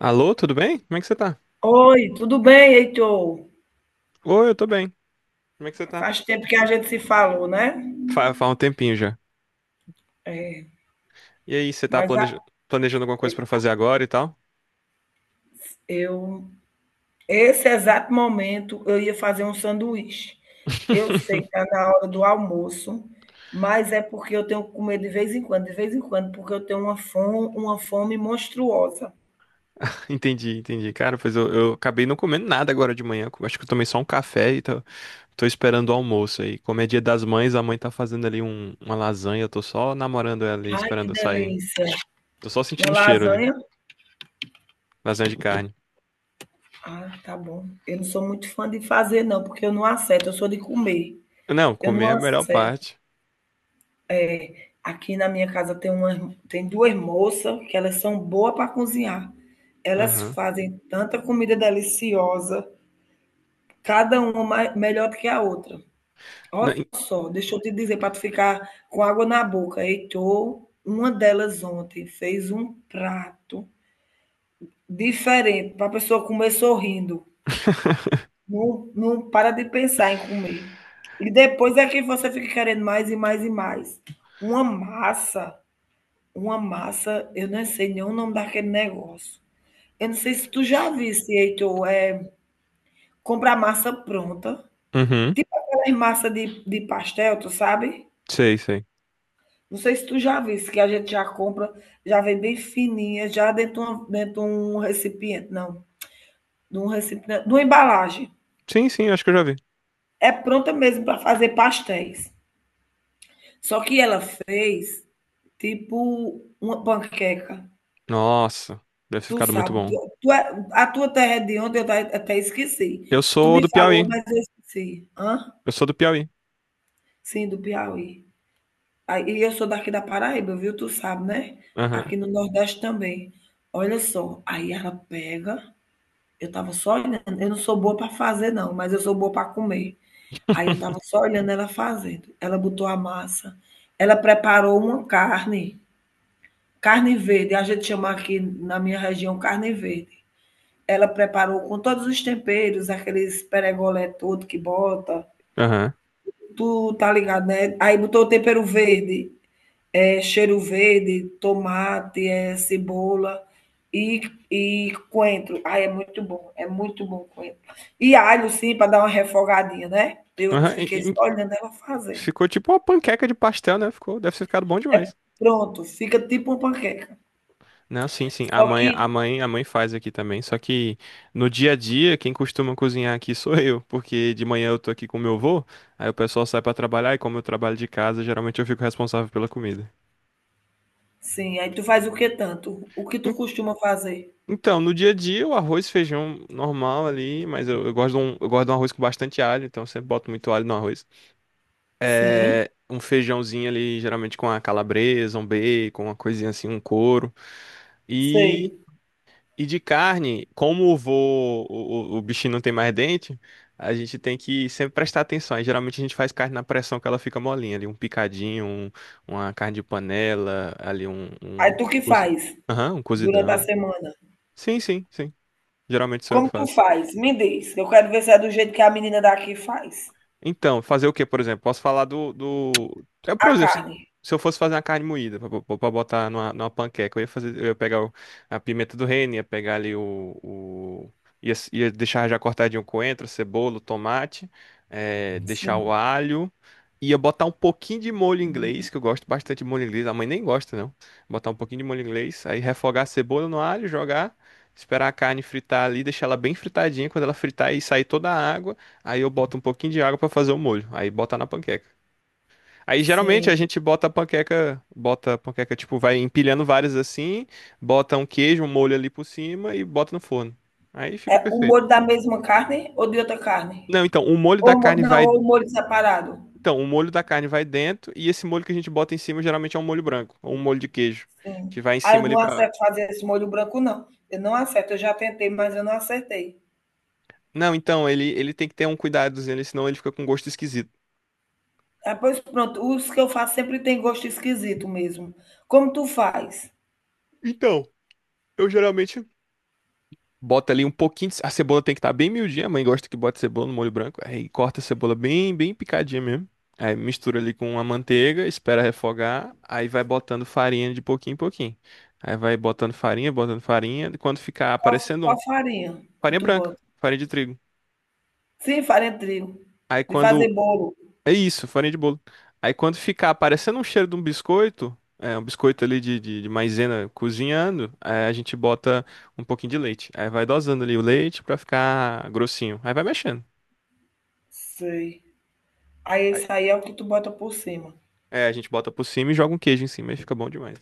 Alô, tudo bem? Como é que você tá? Oi, tudo bem, Heitor? Oi, eu tô bem. Como é que você tá? Faz tempo que a gente se falou, né? Faz um tempinho já. É, E aí, você mas planejando alguma coisa pra fazer agora e tal? eu, esse exato momento, eu ia fazer um sanduíche. Eu sei que está na hora do almoço, mas é porque eu tenho que comer de vez em quando, de vez em quando, porque eu tenho uma fome monstruosa. Entendi, entendi. Cara, pois eu acabei não comendo nada agora de manhã. Acho que eu tomei só um café e tô esperando o almoço aí. Como é dia das mães, a mãe tá fazendo uma lasanha. Eu tô só namorando ela e Ai, esperando que eu sair. delícia. Tô só sentindo Uma o cheiro ali. lasanha? Lasanha de carne. Ah, tá bom. Eu não sou muito fã de fazer, não, porque eu não acerto, eu sou de comer. Não, Eu comer não é a melhor acerto. parte. Aqui na minha casa tem uma, tem duas moças que elas são boas para cozinhar. Elas Aham. fazem tanta comida deliciosa, cada uma melhor do que a outra. Na- Olha só, deixa eu te dizer para tu ficar com água na boca. Heitor, uma delas ontem fez um prato diferente para a pessoa comer sorrindo. Não, não para de pensar em comer. E depois é que você fica querendo mais e mais e mais. Uma massa, Uma massa, eu não sei nem o nome daquele negócio. Eu não sei se tu já visse, Heitor, é comprar massa pronta, Uhum. tipo aquelas massa de pastel, tu sabe? Sei, sei. Não sei se tu já visse, que a gente já compra, já vem bem fininha, já dentro de uma dentro de um recipiente não, de um recipiente de uma embalagem. Sim, sim, acho que eu já vi. É pronta mesmo para fazer pastéis. Só que ela fez tipo uma panqueca. Nossa, deve ter Tu ficado muito sabe, bom. tu tu é A tua terra é de onde? Eu até esqueci. Eu Tu sou me do Piauí. falou, mas eu esqueci. Hã? Eu sou do Piauí. Sim, do Piauí. Aí e eu sou daqui da Paraíba, viu, tu sabe, né? Aham, Aqui no Nordeste também. Olha só, aí ela pega eu tava só olhando, eu não sou boa para fazer não, mas eu sou boa para comer. Aí eu tava só olhando ela fazendo. Ela botou a massa, ela preparou uma carne, carne verde, a gente chama aqui na minha região carne verde. Ela preparou com todos os temperos, aqueles peregolé todo que bota. aham, Tu tá ligado, né? Aí botou tempero verde, é, cheiro verde, tomate, é, cebola e, e coentro. Ai, é muito bom o coentro. E alho, sim, para dar uma refogadinha, né? Eu aham. Fiquei só olhando ela fazendo. Ficou tipo uma panqueca de pastel, né? Ficou, deve ter ficado bom É demais. pronto, fica tipo uma panqueca. Não, sim, sim. A Só mãe, a que, mãe, a mãe faz aqui também. Só que no dia a dia, quem costuma cozinhar aqui sou eu, porque de manhã eu tô aqui com meu avô, aí o pessoal sai pra trabalhar e, como eu trabalho de casa, geralmente eu fico responsável pela comida. sim, aí tu faz o que tanto? O que tu En- costuma fazer? Então, no dia a dia, o arroz e feijão normal ali, mas eu gosto de um, eu gosto de um arroz com bastante alho, então eu sempre boto muito alho no arroz. Sim, É um feijãozinho ali, geralmente com uma calabresa, um bacon, uma coisinha assim, um couro. E, sei. e de carne, como o vô, o bichinho não tem mais dente, a gente tem que sempre prestar atenção. Aí, geralmente a gente faz carne na pressão, que ela fica molinha ali, um picadinho, uma carne de panela, ali um, Aí um... tu que faz? Aham, um Durante a cozidão. semana. Sim, sim, sim. Geralmente sou eu que Como tu faço. faz? Me diz. Eu quero ver se é do jeito que a menina daqui faz. Então, fazer o quê, por exemplo? Posso falar do, do... Eu, por A exemplo, se carne. se eu fosse fazer uma carne moída pra botar numa panqueca, eu ia fazer, eu ia pegar a pimenta do reino, ia pegar ali ia, ia deixar já cortadinho o coentro, a cebola, o tomate, deixar o Sim, alho, ia botar um pouquinho de molho inglês, que eu gosto bastante de molho inglês, a mãe nem gosta, não. Botar um pouquinho de molho inglês, aí refogar a cebola no alho, jogar, esperar a carne fritar ali, deixar ela bem fritadinha, quando ela fritar e sair toda a água, aí eu boto um pouquinho de água pra fazer o molho. Aí bota na panqueca. Aí geralmente sim. a gente bota a panqueca, bota a panqueca, tipo, vai empilhando várias assim, bota um queijo, um molho ali por cima e bota no forno. Aí fica É o perfeito. molho da mesma carne ou de outra carne? Não, então o molho da carne Não, vai, ou o molho separado. então o molho da carne vai dentro, e esse molho que a gente bota em cima geralmente é um molho branco ou um molho de queijo Sim. que vai em Ah, cima eu ali não pra... acerto fazer esse molho branco, não. Eu não acerto, eu já tentei, mas eu não acertei. Não, então ele tem que ter um cuidadozinho ali, senão ele fica com gosto esquisito. Ah, pois pronto, os que eu faço sempre tem gosto esquisito mesmo. Como tu faz? Então, eu geralmente bota ali um pouquinho de... A cebola tem que estar bem miudinha. A mãe gosta que bota cebola no molho branco. Aí corta a cebola bem, bem picadinha mesmo. Aí mistura ali com a manteiga, espera refogar. Aí vai botando farinha de pouquinho em pouquinho. Aí vai botando farinha, botando farinha, e quando ficar Qual, aparecendo um... qual farinha que Farinha tu branca, bota? farinha de trigo. Sim, farinha de trigo. Aí De quando... fazer bolo. É isso, farinha de bolo. Aí quando ficar aparecendo um cheiro de um biscoito... É, um biscoito ali de maisena cozinhando. Aí a gente bota um pouquinho de leite. Aí vai dosando ali o leite pra ficar grossinho. Aí vai mexendo. Sei. Aí esse Aí- aí é o que tu bota por cima. É, a gente bota por cima e joga um queijo em cima e fica bom demais.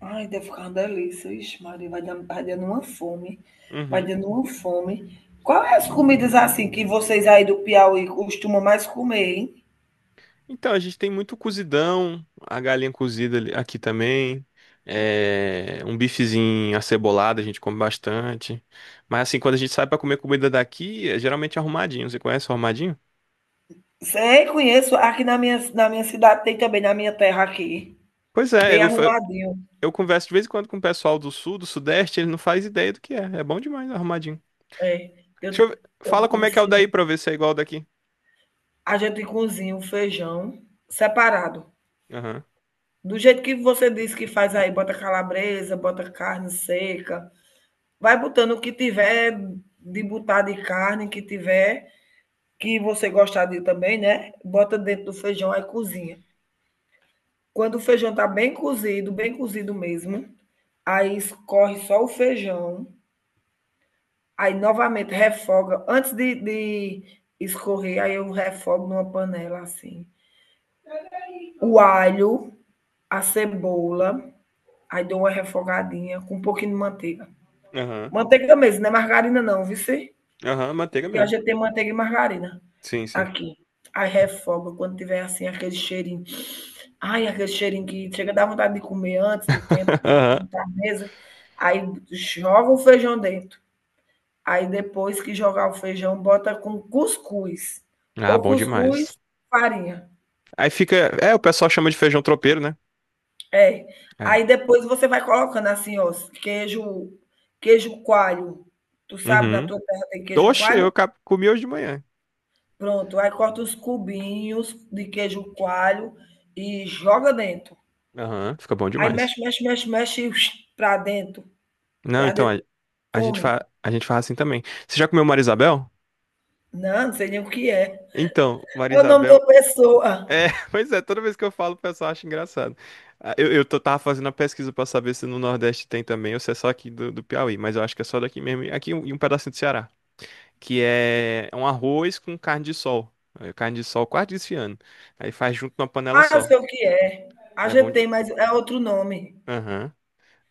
Ai, deve ficar uma delícia. Ixi, Maria, vai dando uma fome. Vai Uhum. dando uma fome. Quais as comidas assim que vocês aí do Piauí costumam mais comer, hein? Então, a gente tem muito cozidão, a galinha cozida aqui também. É, um bifezinho acebolado, a gente come bastante. Mas assim, quando a gente sai pra comer comida daqui, é geralmente arrumadinho. Você conhece o arrumadinho? Sei, conheço. Aqui na minha cidade tem também, na minha terra aqui. Pois é, Tem arrumadinho. eu converso de vez em quando com o pessoal do sul, do sudeste, ele não faz ideia do que é. É bom demais arrumadinho. É. Eu, eu Fala como é que é o conheci um. daí pra eu ver se é igual ao daqui. A gente cozinha o feijão separado. Aham, Do jeito que você disse que faz aí, bota calabresa, bota carne seca, vai botando o que tiver de botar de carne, que tiver, que você gostar de também, né? Bota dentro do feijão aí cozinha. Quando o feijão tá bem cozido mesmo, aí escorre só o feijão, aí novamente refoga. Antes de escorrer, aí eu refogo numa panela assim. O alho, a cebola, aí dou uma refogadinha com um pouquinho de manteiga. aham, Manteiga mesmo, não é margarina não, viu? aham, manteiga Porque a mesmo. gente tem manteiga e margarina. Sim, sim. Aqui. Aí refoga quando tiver assim aquele cheirinho. Ai, aquele cheirinho que chega a dar vontade de comer antes do tempo da mesa. Aí joga o feijão dentro. Aí depois que jogar o feijão, bota com cuscuz. Ah, Ou bom demais. cuscuz, farinha. Aí fica. É, o pessoal chama de feijão tropeiro, né? É. É. Aí depois você vai colocando assim, ó, queijo, queijo coalho. Tu sabe, na Uhum. tua terra tem queijo Oxe, coalho? Comi hoje de manhã. Pronto. Aí corta os cubinhos de queijo coalho e joga dentro. Aham, fica bom Aí demais. mexe, mexe, mexe, mexe para dentro, Não, para então, dentro, a gente come. A gente faz assim também. Você já comeu Marisabel? Não, não sei nem o que é. Então, É o nome Marisabel. da pessoa. É, pois é, toda vez que eu falo, o pessoal acha engraçado. Ah, eu, tava fazendo a pesquisa pra saber se no Nordeste tem também, ou se é só aqui do, do Piauí, mas eu acho que é só daqui mesmo, e e um pedacinho do Ceará. Que é um arroz com carne de sol. É, carne de sol quase desfiando. Aí faz junto numa panela Ah, eu só. sei o que é. A É bom gente de... tem, mas é outro nome. Aham.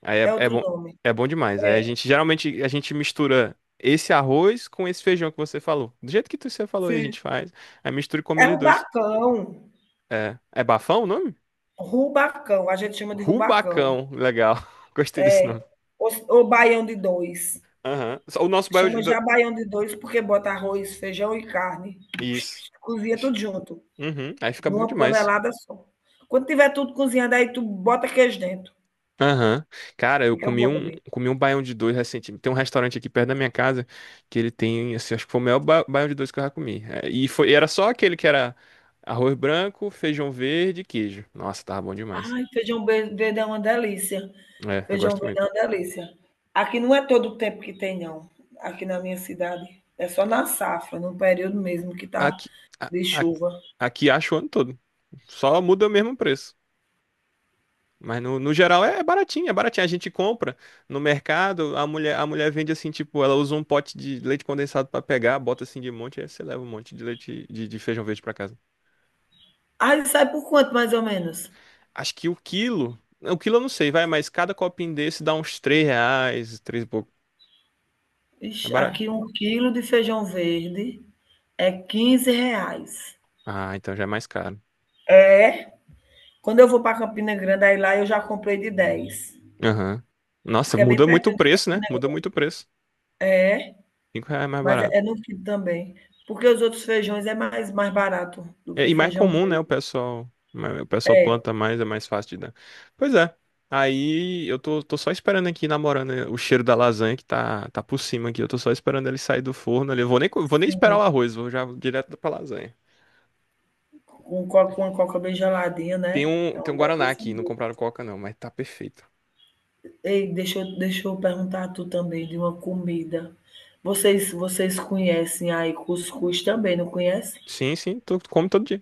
Aí é, É outro nome. é bom demais. É, Aí a gente geralmente a gente mistura esse arroz com esse feijão que você falou. Do jeito que você falou aí, a sim. gente faz. Aí mistura e come É eles dois. rubacão. É, é bafão o nome? Rubacão. A gente chama de rubacão. Rubacão. Legal. Gostei desse nome. Ou baião de dois. Aham. Só o nosso bairro de... Chama já baião de dois porque bota arroz, feijão e carne. Isso. Cozinha tudo Ixi. junto, Uhum. Aí fica bom numa demais. panelada só. Quando tiver tudo cozinhado, aí tu bota queijo dentro. Aham. Cara, Fica bom também. comi um baião de dois recentemente. Tem um restaurante aqui perto da minha casa que ele tem, assim, acho que foi o melhor baião de dois que eu já comi. É, e foi, e era só aquele que era arroz branco, feijão verde e queijo. Nossa, tava bom demais. Ai, feijão verde é uma delícia. É, eu Feijão gosto verde é muito. uma delícia. Aqui não é todo o tempo que tem, não. Aqui na minha cidade. É só na safra, no período mesmo que tá Aqui, a- de a- chuva. aqui acho o ano todo. Só muda o mesmo preço. Mas no, no geral é baratinho, é baratinho. A gente compra no mercado, a mulher vende assim, tipo, ela usa um pote de leite condensado pra pegar, bota assim de monte, aí você leva um monte de leite de feijão verde pra casa. Aí sai por quanto, mais ou menos? Acho que o quilo. O quilo eu não sei, vai, mas cada copinho desse dá uns 3 reais, 3 e pouco. É Ixi, barato. aqui um quilo de feijão verde é 15 reais. Ah, então já é mais caro. Quando eu vou para Campina Grande, aí lá eu já comprei de 10, Aham. Nossa, porque é bem muda muito o pertinho de preço, né? Campina, Muda muito o preço. 5 reais é mais mas é barato. é no quilo também. Porque os outros feijões é mais barato do É, que e mais feijão comum, né? Verde. O pessoal planta mais, é mais fácil de dar. Pois é. Aí eu tô, tô só esperando aqui, namorando, né, o cheiro da lasanha que tá por cima aqui. Eu tô só esperando ele sair do forno ali. Eu vou nem, vou nem esperar o arroz, vou já direto pra lasanha. Com coca, com a coca bem geladinha, né? É Tem uma um Guaraná delícia aqui, não mesmo. compraram Coca não, mas tá perfeito. Ei, deixa eu perguntar a tu também de uma comida. Vocês conhecem aí cuscuz também, não conhecem? Sim, sim, tu come todo dia.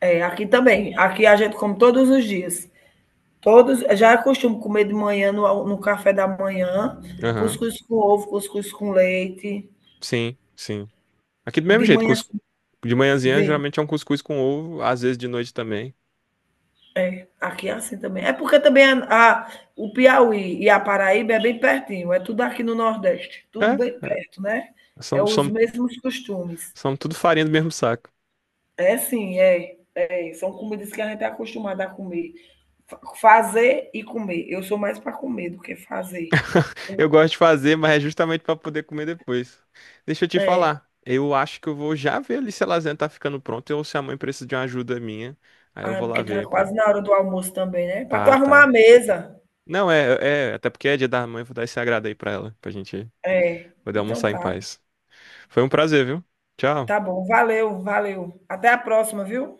É, aqui também. Aqui a gente come todos os dias. Todos, já é comer de manhã, no café da manhã, Aham. cuscuz com ovo, cuscuz com leite. Sim, sim. Aqui do mesmo De jeito, manhã. De manhãzinha geralmente é um cuscuz com ovo, às vezes de noite também. É, aqui é assim também. É porque também o Piauí e a Paraíba é bem pertinho, é tudo aqui no Nordeste, tudo bem É, é. perto, né? É São, os são, mesmos costumes. são tudo farinha do mesmo saco. É sim, é, é. São comidas que a gente é acostumado a comer. Fazer e comer. Eu sou mais para comer do que fazer. Eu gosto de fazer, mas é justamente para poder comer depois. Deixa eu te É. falar. Eu acho que eu vou já ver ali se a lasanha tá ficando pronta ou se a mãe precisa de uma ajuda minha. Aí eu Ah, vou lá porque tá ver pra. quase na hora do almoço também, né? Para tu Tá, arrumar a tá. mesa. Não, é, é, até porque é dia da mãe, eu vou dar esse agrado aí pra ela, pra gente É. poder Então almoçar em tá. paz. Foi um prazer, viu? Tchau. Tá bom. Valeu, valeu. Até a próxima, viu?